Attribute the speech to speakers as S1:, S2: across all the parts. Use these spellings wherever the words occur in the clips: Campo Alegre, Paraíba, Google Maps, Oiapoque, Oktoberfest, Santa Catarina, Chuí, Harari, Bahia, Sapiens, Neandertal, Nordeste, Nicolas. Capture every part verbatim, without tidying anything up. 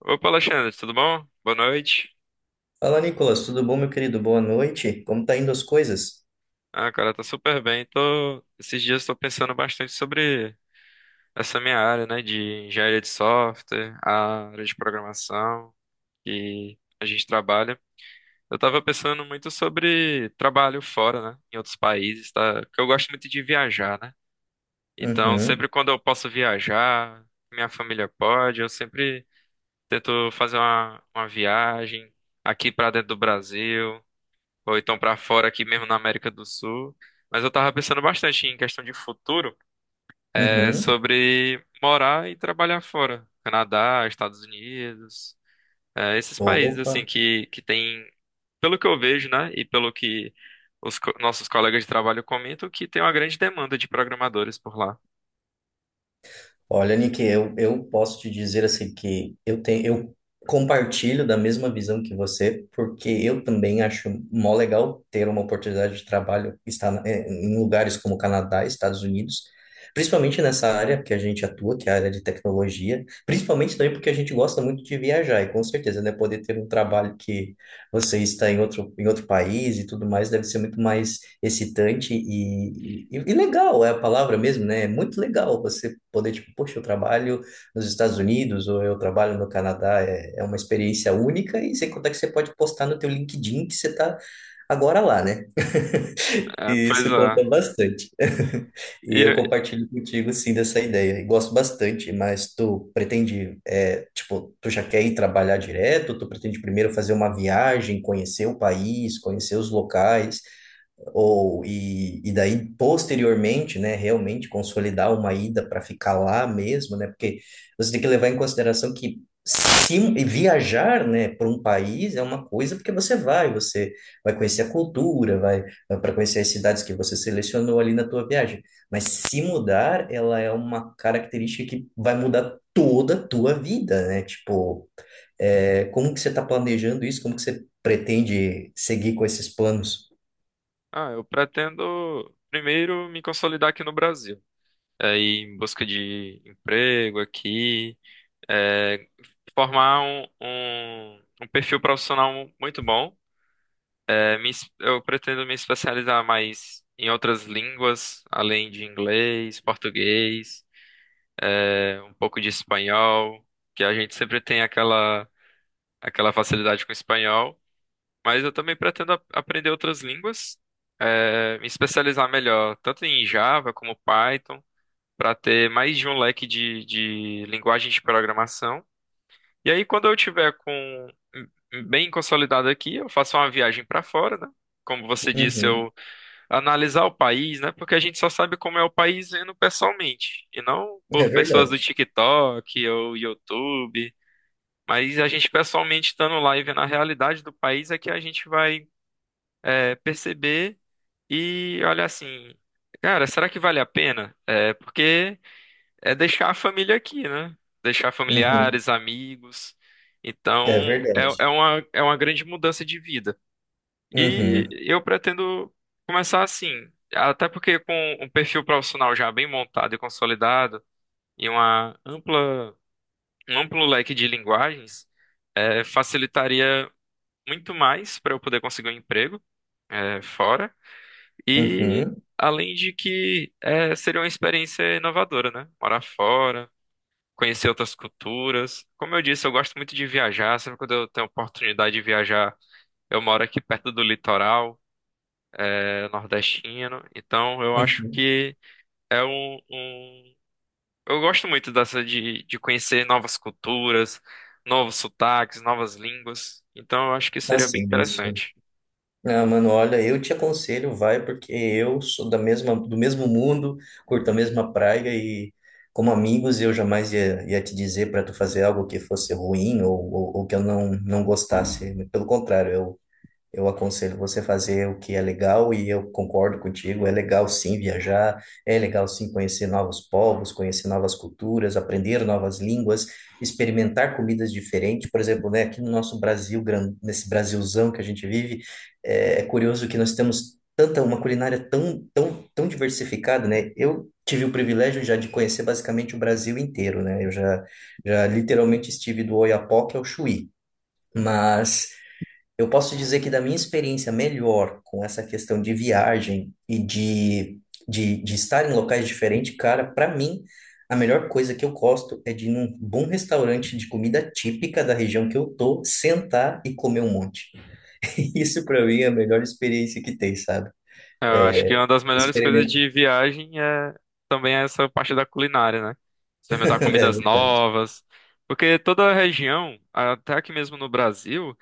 S1: Opa, Alexandre, tudo bom? Boa noite.
S2: Fala, Nicolas, tudo bom, meu querido? Boa noite. Como tá indo as coisas?
S1: Ah, cara, tá super bem. Tô... Esses dias tô pensando bastante sobre essa minha área, né, de engenharia de software, a área de programação que a gente trabalha. Eu tava pensando muito sobre trabalho fora, né, em outros países, tá? Porque eu gosto muito de viajar, né? Então,
S2: Uhum,
S1: sempre quando eu posso viajar, minha família pode, eu sempre tento fazer uma, uma viagem aqui pra dentro do Brasil, ou então pra fora aqui mesmo na América do Sul. Mas eu tava pensando bastante em questão de futuro, é
S2: uhum.
S1: sobre morar e trabalhar fora, Canadá, Estados Unidos, é, esses países assim
S2: Opa.
S1: que que tem, pelo que eu vejo, né, e pelo que os co- nossos colegas de trabalho comentam, que tem uma grande demanda de programadores por lá.
S2: Olha, Nick, eu, eu posso te dizer assim que eu tenho, eu compartilho da mesma visão que você, porque eu também acho mó legal ter uma oportunidade de trabalho estar na- eh, em lugares como Canadá, Estados Unidos, principalmente nessa área que a gente atua, que é a área de tecnologia, principalmente também porque a gente gosta muito de viajar e com certeza, né, poder ter um trabalho que você está em outro, em outro país e tudo mais, deve ser muito mais excitante e, e, e legal, é a palavra mesmo, né? É muito legal você poder, tipo, poxa, eu trabalho nos Estados Unidos ou eu trabalho no Canadá, é, é uma experiência única e sem contar que você pode postar no teu LinkedIn que você está agora lá, né?
S1: É,
S2: E
S1: pois
S2: isso
S1: é.
S2: conta bastante. E
S1: E
S2: eu
S1: eu-
S2: compartilho contigo, sim, dessa ideia. E gosto bastante, mas tu pretende, é, tipo, tu já quer ir trabalhar direto? Tu pretende primeiro fazer uma viagem, conhecer o país, conhecer os locais? Ou, e, e daí, posteriormente, né, realmente consolidar uma ida para ficar lá mesmo, né, porque você tem que levar em consideração que se, e viajar, né, para um país é uma coisa porque você vai, você vai conhecer a cultura, vai, para conhecer as cidades que você selecionou ali na tua viagem. Mas se mudar, ela é uma característica que vai mudar toda a tua vida, né, tipo, é, como que você está planejando isso? Como que você pretende seguir com esses planos?
S1: ah, eu pretendo primeiro me consolidar aqui no Brasil, é, ir em busca de emprego aqui. é, Formar um, um, um perfil profissional muito bom. É, me es- eu pretendo me especializar mais em outras línguas, além de inglês, português, é, um pouco de espanhol, que a gente sempre tem aquela, aquela facilidade com espanhol. Mas eu também pretendo ap- aprender outras línguas, é, me especializar melhor, tanto em Java como Python, para ter mais de um leque de, de linguagens de programação. E aí, quando eu tiver com hum, bem consolidado aqui, eu faço uma viagem para fora, né? Como você disse,
S2: Uhum.
S1: eu analisar o país, né? Porque a gente só sabe como é o país vendo pessoalmente, e não
S2: É
S1: por pessoas do
S2: verdade.
S1: TikTok ou YouTube. Mas a gente pessoalmente estando lá e vendo a realidade do país é que a gente vai é, perceber e olhar assim, cara, será que vale a pena? É, porque é deixar a família aqui, né? Deixar
S2: Uhum.
S1: familiares, amigos. Então,
S2: É
S1: é,
S2: verdade.
S1: é uma, é uma grande mudança de vida. E
S2: Uhum.
S1: eu pretendo começar assim, até porque com um perfil profissional já bem montado e consolidado, e uma ampla, um amplo leque de linguagens, eh, facilitaria muito mais para eu poder conseguir um emprego, eh, fora. E
S2: Uhum.
S1: além de que eh, seria uma experiência inovadora, né? Morar fora, conhecer outras culturas. Como eu disse, eu gosto muito de viajar. Sempre quando eu tenho oportunidade de viajar, eu moro aqui perto do litoral, é, nordestino. Então, eu acho
S2: Uhum.
S1: que é um, um- eu gosto muito dessa de, de conhecer novas culturas, novos sotaques, novas línguas. Então, eu acho que seria bem
S2: Assim, isso.
S1: interessante.
S2: Ah, mano, olha, eu te aconselho, vai, porque eu sou da mesma, do mesmo mundo, curto a mesma praia e, como amigos, eu jamais ia, ia te dizer para tu fazer algo que fosse ruim ou, ou, ou que eu não, não gostasse. Pelo contrário, eu Eu aconselho você fazer o que é legal e eu concordo contigo. É legal sim viajar, é legal sim conhecer novos povos, conhecer novas culturas, aprender novas línguas, experimentar comidas diferentes. Por exemplo, né, aqui no nosso Brasil, gran- nesse Brasilzão que a gente vive, é, é curioso que nós temos tanta uma culinária tão, tão, tão diversificada, né? Eu tive o privilégio já de conhecer basicamente o Brasil inteiro, né? Eu já, já literalmente estive do Oiapoque ao Chuí, mas eu posso dizer que da minha experiência melhor com essa questão de viagem e de, de, de estar em locais diferentes, cara, para mim, a melhor coisa que eu gosto é de ir num bom restaurante de comida típica da região que eu tô, sentar e comer um monte. Isso para mim é a melhor experiência que tem, sabe?
S1: É, eu acho que
S2: É,
S1: uma das melhores coisas
S2: experimento.
S1: de viagem é também essa parte da culinária, né? Experimentar
S2: É
S1: comidas
S2: verdade.
S1: novas. Porque toda a região, até aqui mesmo no Brasil,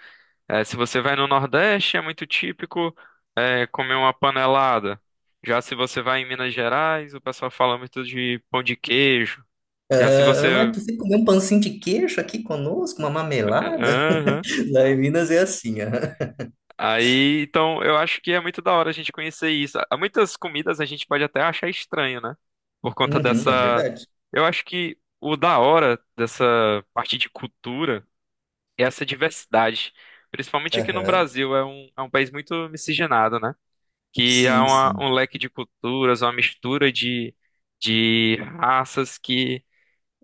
S1: é, se você vai no Nordeste, é muito típico é, comer uma panelada. Já se você vai em Minas Gerais, o pessoal fala muito de pão de queijo. Já se
S2: Ah,
S1: você.
S2: mas você comeu um pãozinho de queijo aqui conosco, uma
S1: É,
S2: mamelada?
S1: Aham.
S2: Lá em Minas é assim, aham.
S1: Aí, então, eu acho que é muito da hora a gente conhecer isso. Há muitas comidas a gente pode até achar estranho, né? Por conta
S2: Uhum, é
S1: dessa.
S2: verdade.
S1: Eu acho que o da hora dessa parte de cultura é essa diversidade. Principalmente aqui no
S2: Aham.
S1: Brasil, é um, é um país muito miscigenado, né? Que há
S2: Sim,
S1: uma-
S2: sim.
S1: um leque de culturas, uma mistura de, de raças que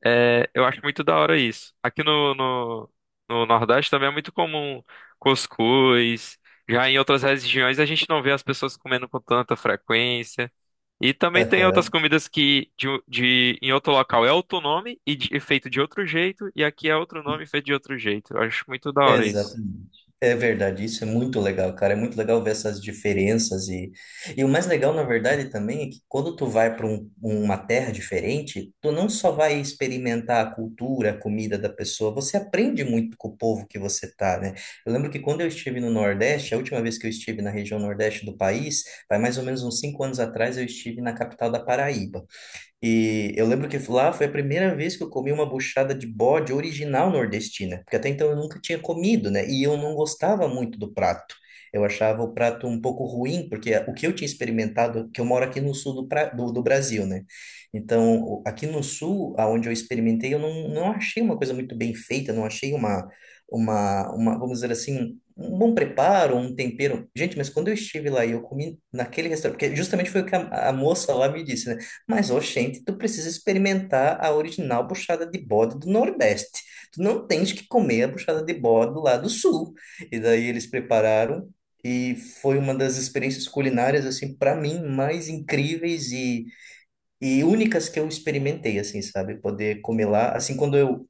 S1: é, eu acho muito da hora isso. Aqui no, no, no Nordeste também é muito comum cuscuz. Já em outras regiões a gente não vê as pessoas comendo com tanta frequência. E também tem outras
S2: Aham,
S1: comidas que de, um- de- em outro local é outro nome e, de- e feito de outro jeito, e aqui é outro nome e feito de outro jeito. Eu acho muito da hora isso.
S2: exatamente. É verdade, isso é muito legal, cara. É muito legal ver essas diferenças e, e o mais legal, na verdade, também é que quando tu vai para uma terra diferente, tu não só vai experimentar a cultura, a comida da pessoa, você aprende muito com o povo que você tá, né? Eu lembro que quando eu estive no Nordeste, a última vez que eu estive na região Nordeste do país, vai mais ou menos uns cinco anos atrás, eu estive na capital da Paraíba. E eu lembro que lá foi a primeira vez que eu comi uma buchada de bode original nordestina, porque até então eu nunca tinha comido, né? E eu não gostava muito do prato. Eu achava o prato um pouco ruim, porque o que eu tinha experimentado, que eu moro aqui no sul do, pra- do, do Brasil, né? Então, o- aqui no sul, aonde eu experimentei, eu não, não achei uma coisa muito bem feita, não achei uma, uma, uma, vamos dizer assim, um bom preparo, um tempero. Gente, mas quando eu estive lá e eu comi naquele restaurante, porque justamente foi o que a, a moça lá me disse, né? Mas, oxente, tu precisa experimentar a original buchada de bode do Nordeste. Tu não tens que comer a buchada de bode lá do Sul. E daí eles prepararam e foi uma das experiências culinárias, assim, para mim, mais incríveis e, e únicas que eu experimentei, assim, sabe? Poder comer lá. Assim, quando eu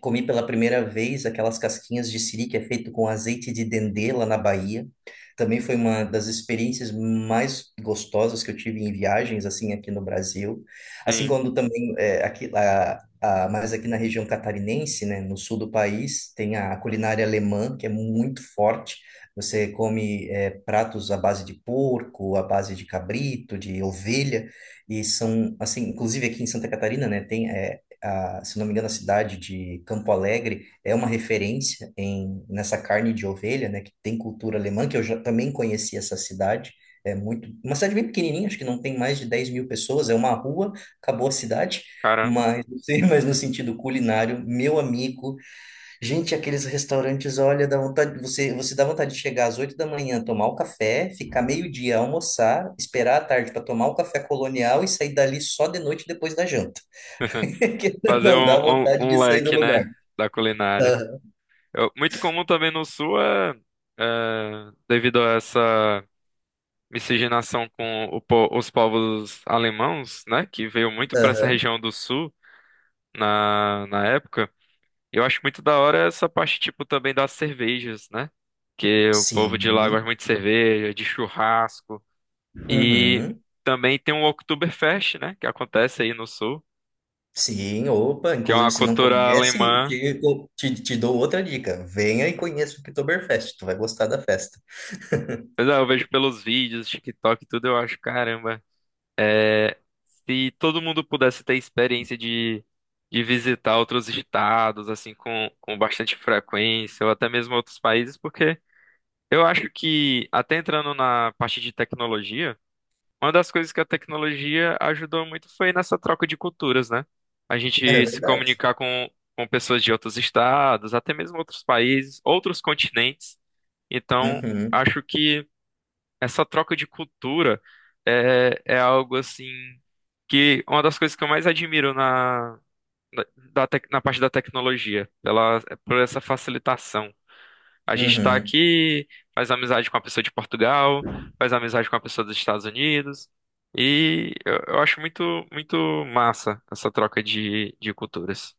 S2: comi pela primeira vez aquelas casquinhas de siri que é feito com azeite de dendê lá na Bahia. Também foi uma das experiências mais gostosas que eu tive em viagens, assim, aqui no Brasil. Assim
S1: Sim,
S2: quando também, é, aqui, a, a, mas aqui na região catarinense, né, no sul do país, tem a culinária alemã, que é muito forte. Você come, é, pratos à base de porco, à base de cabrito, de ovelha, e são, assim, inclusive aqui em Santa Catarina, né, tem, é, a- se não me engano, a cidade de Campo Alegre é uma referência em, nessa carne de ovelha, né, que tem cultura alemã, que eu já também conheci essa cidade. É muito, uma cidade bem pequenininha, acho que não tem mais de dez mil pessoas, é uma rua, acabou a cidade.
S1: caramba.
S2: Mas, não sei, mas no sentido culinário, meu amigo, gente, aqueles restaurantes, olha, dá vontade, você, você dá vontade de chegar às oito da manhã, tomar o café, ficar meio-dia, almoçar, esperar a tarde para tomar o café colonial e sair dali só de noite depois da janta. Que
S1: Fazer
S2: não dá
S1: um, um
S2: vontade de
S1: um
S2: sair do
S1: leque, né,
S2: lugar.
S1: da culinária.
S2: Aham,
S1: Eu- muito comum também no Sul é, é, devido a essa miscigenação com o po- os povos alemãos, né, que veio muito para essa
S2: aham.
S1: região do Sul na, na época. Eu acho muito da hora essa parte, tipo, também das cervejas, né, que o povo de lá gosta
S2: Sim,
S1: muito de cerveja, de churrasco. E
S2: uhum,
S1: também tem o Oktoberfest, né, que acontece aí no Sul,
S2: sim, opa,
S1: que é
S2: inclusive
S1: uma
S2: se não
S1: cultura
S2: conhece,
S1: alemã.
S2: te, te, te dou outra dica. Venha e conheça o Oktoberfest, tu vai gostar da festa.
S1: Mas é, eu vejo pelos vídeos, TikTok e tudo, eu acho, caramba. É, se todo mundo pudesse ter experiência de, de visitar outros estados, assim, com, com bastante frequência, ou até mesmo outros países, porque eu acho que, até entrando na parte de tecnologia, uma das coisas que a tecnologia ajudou muito foi nessa troca de culturas, né? A
S2: É
S1: gente se
S2: verdade.
S1: comunicar com, com pessoas de outros estados, até mesmo outros países, outros continentes. Então,
S2: Uhum,
S1: acho que essa troca de cultura é, é algo assim que uma das coisas que eu mais admiro na, na, da tec- na parte da tecnologia, pela, é por essa facilitação. A gente está
S2: uhum.
S1: aqui, faz amizade com a pessoa de Portugal, faz amizade com a pessoa dos Estados Unidos, e eu, eu acho muito, muito massa essa troca de, de culturas.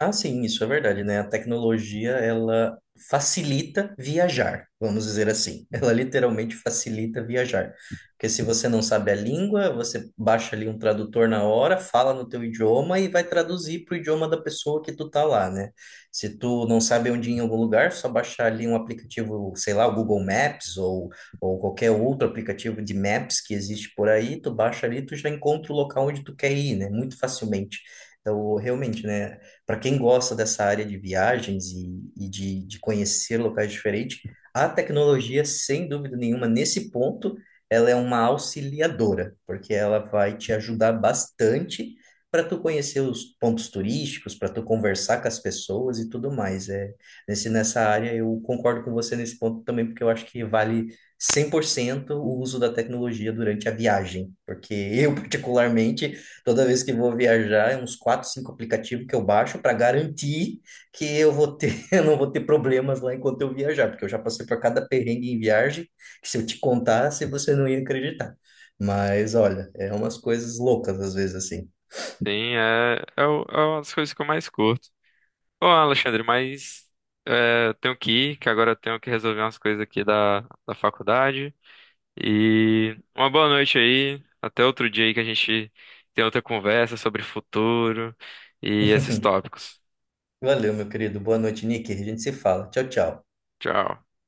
S2: Ah, sim, isso é verdade, né? A tecnologia, ela facilita viajar, vamos dizer assim. Ela literalmente facilita viajar. Porque se você não sabe a língua, você baixa ali um tradutor na hora, fala no teu idioma e vai traduzir para o idioma da pessoa que tu tá lá, né? Se tu não sabe onde ir em algum lugar, só baixar ali um aplicativo, sei lá, o Google Maps ou, ou qualquer outro aplicativo de maps que existe por aí, tu baixa ali, tu já encontra o local onde tu quer ir, né? Muito facilmente. Então, realmente, né? Para quem gosta dessa área de viagens e, e de, de conhecer locais diferentes, a tecnologia, sem dúvida nenhuma, nesse ponto, ela é uma auxiliadora, porque ela vai te ajudar bastante para tu conhecer os pontos turísticos, para tu conversar com as pessoas e tudo mais. É, nesse, nessa área, eu concordo com você nesse ponto também, porque eu acho que vale cem por cento o uso da tecnologia durante a viagem, porque eu, particularmente, toda vez que vou viajar, é uns quatro, cinco aplicativos que eu baixo para garantir que eu vou ter, eu não vou ter problemas lá enquanto eu viajar, porque eu já passei por cada perrengue em viagem, que se eu te contasse, você não ia acreditar. Mas olha, é umas coisas loucas às vezes assim.
S1: Sim, é, é, o- é uma das coisas que eu mais curto. Ô, Alexandre, mas é, eu tenho que ir, que agora eu tenho que resolver umas coisas aqui da, da faculdade. E uma boa noite aí. Até outro dia aí que a gente tem outra conversa sobre futuro e esses tópicos.
S2: Valeu, meu querido. Boa noite, Nick. A gente se fala. Tchau, tchau.
S1: Tchau.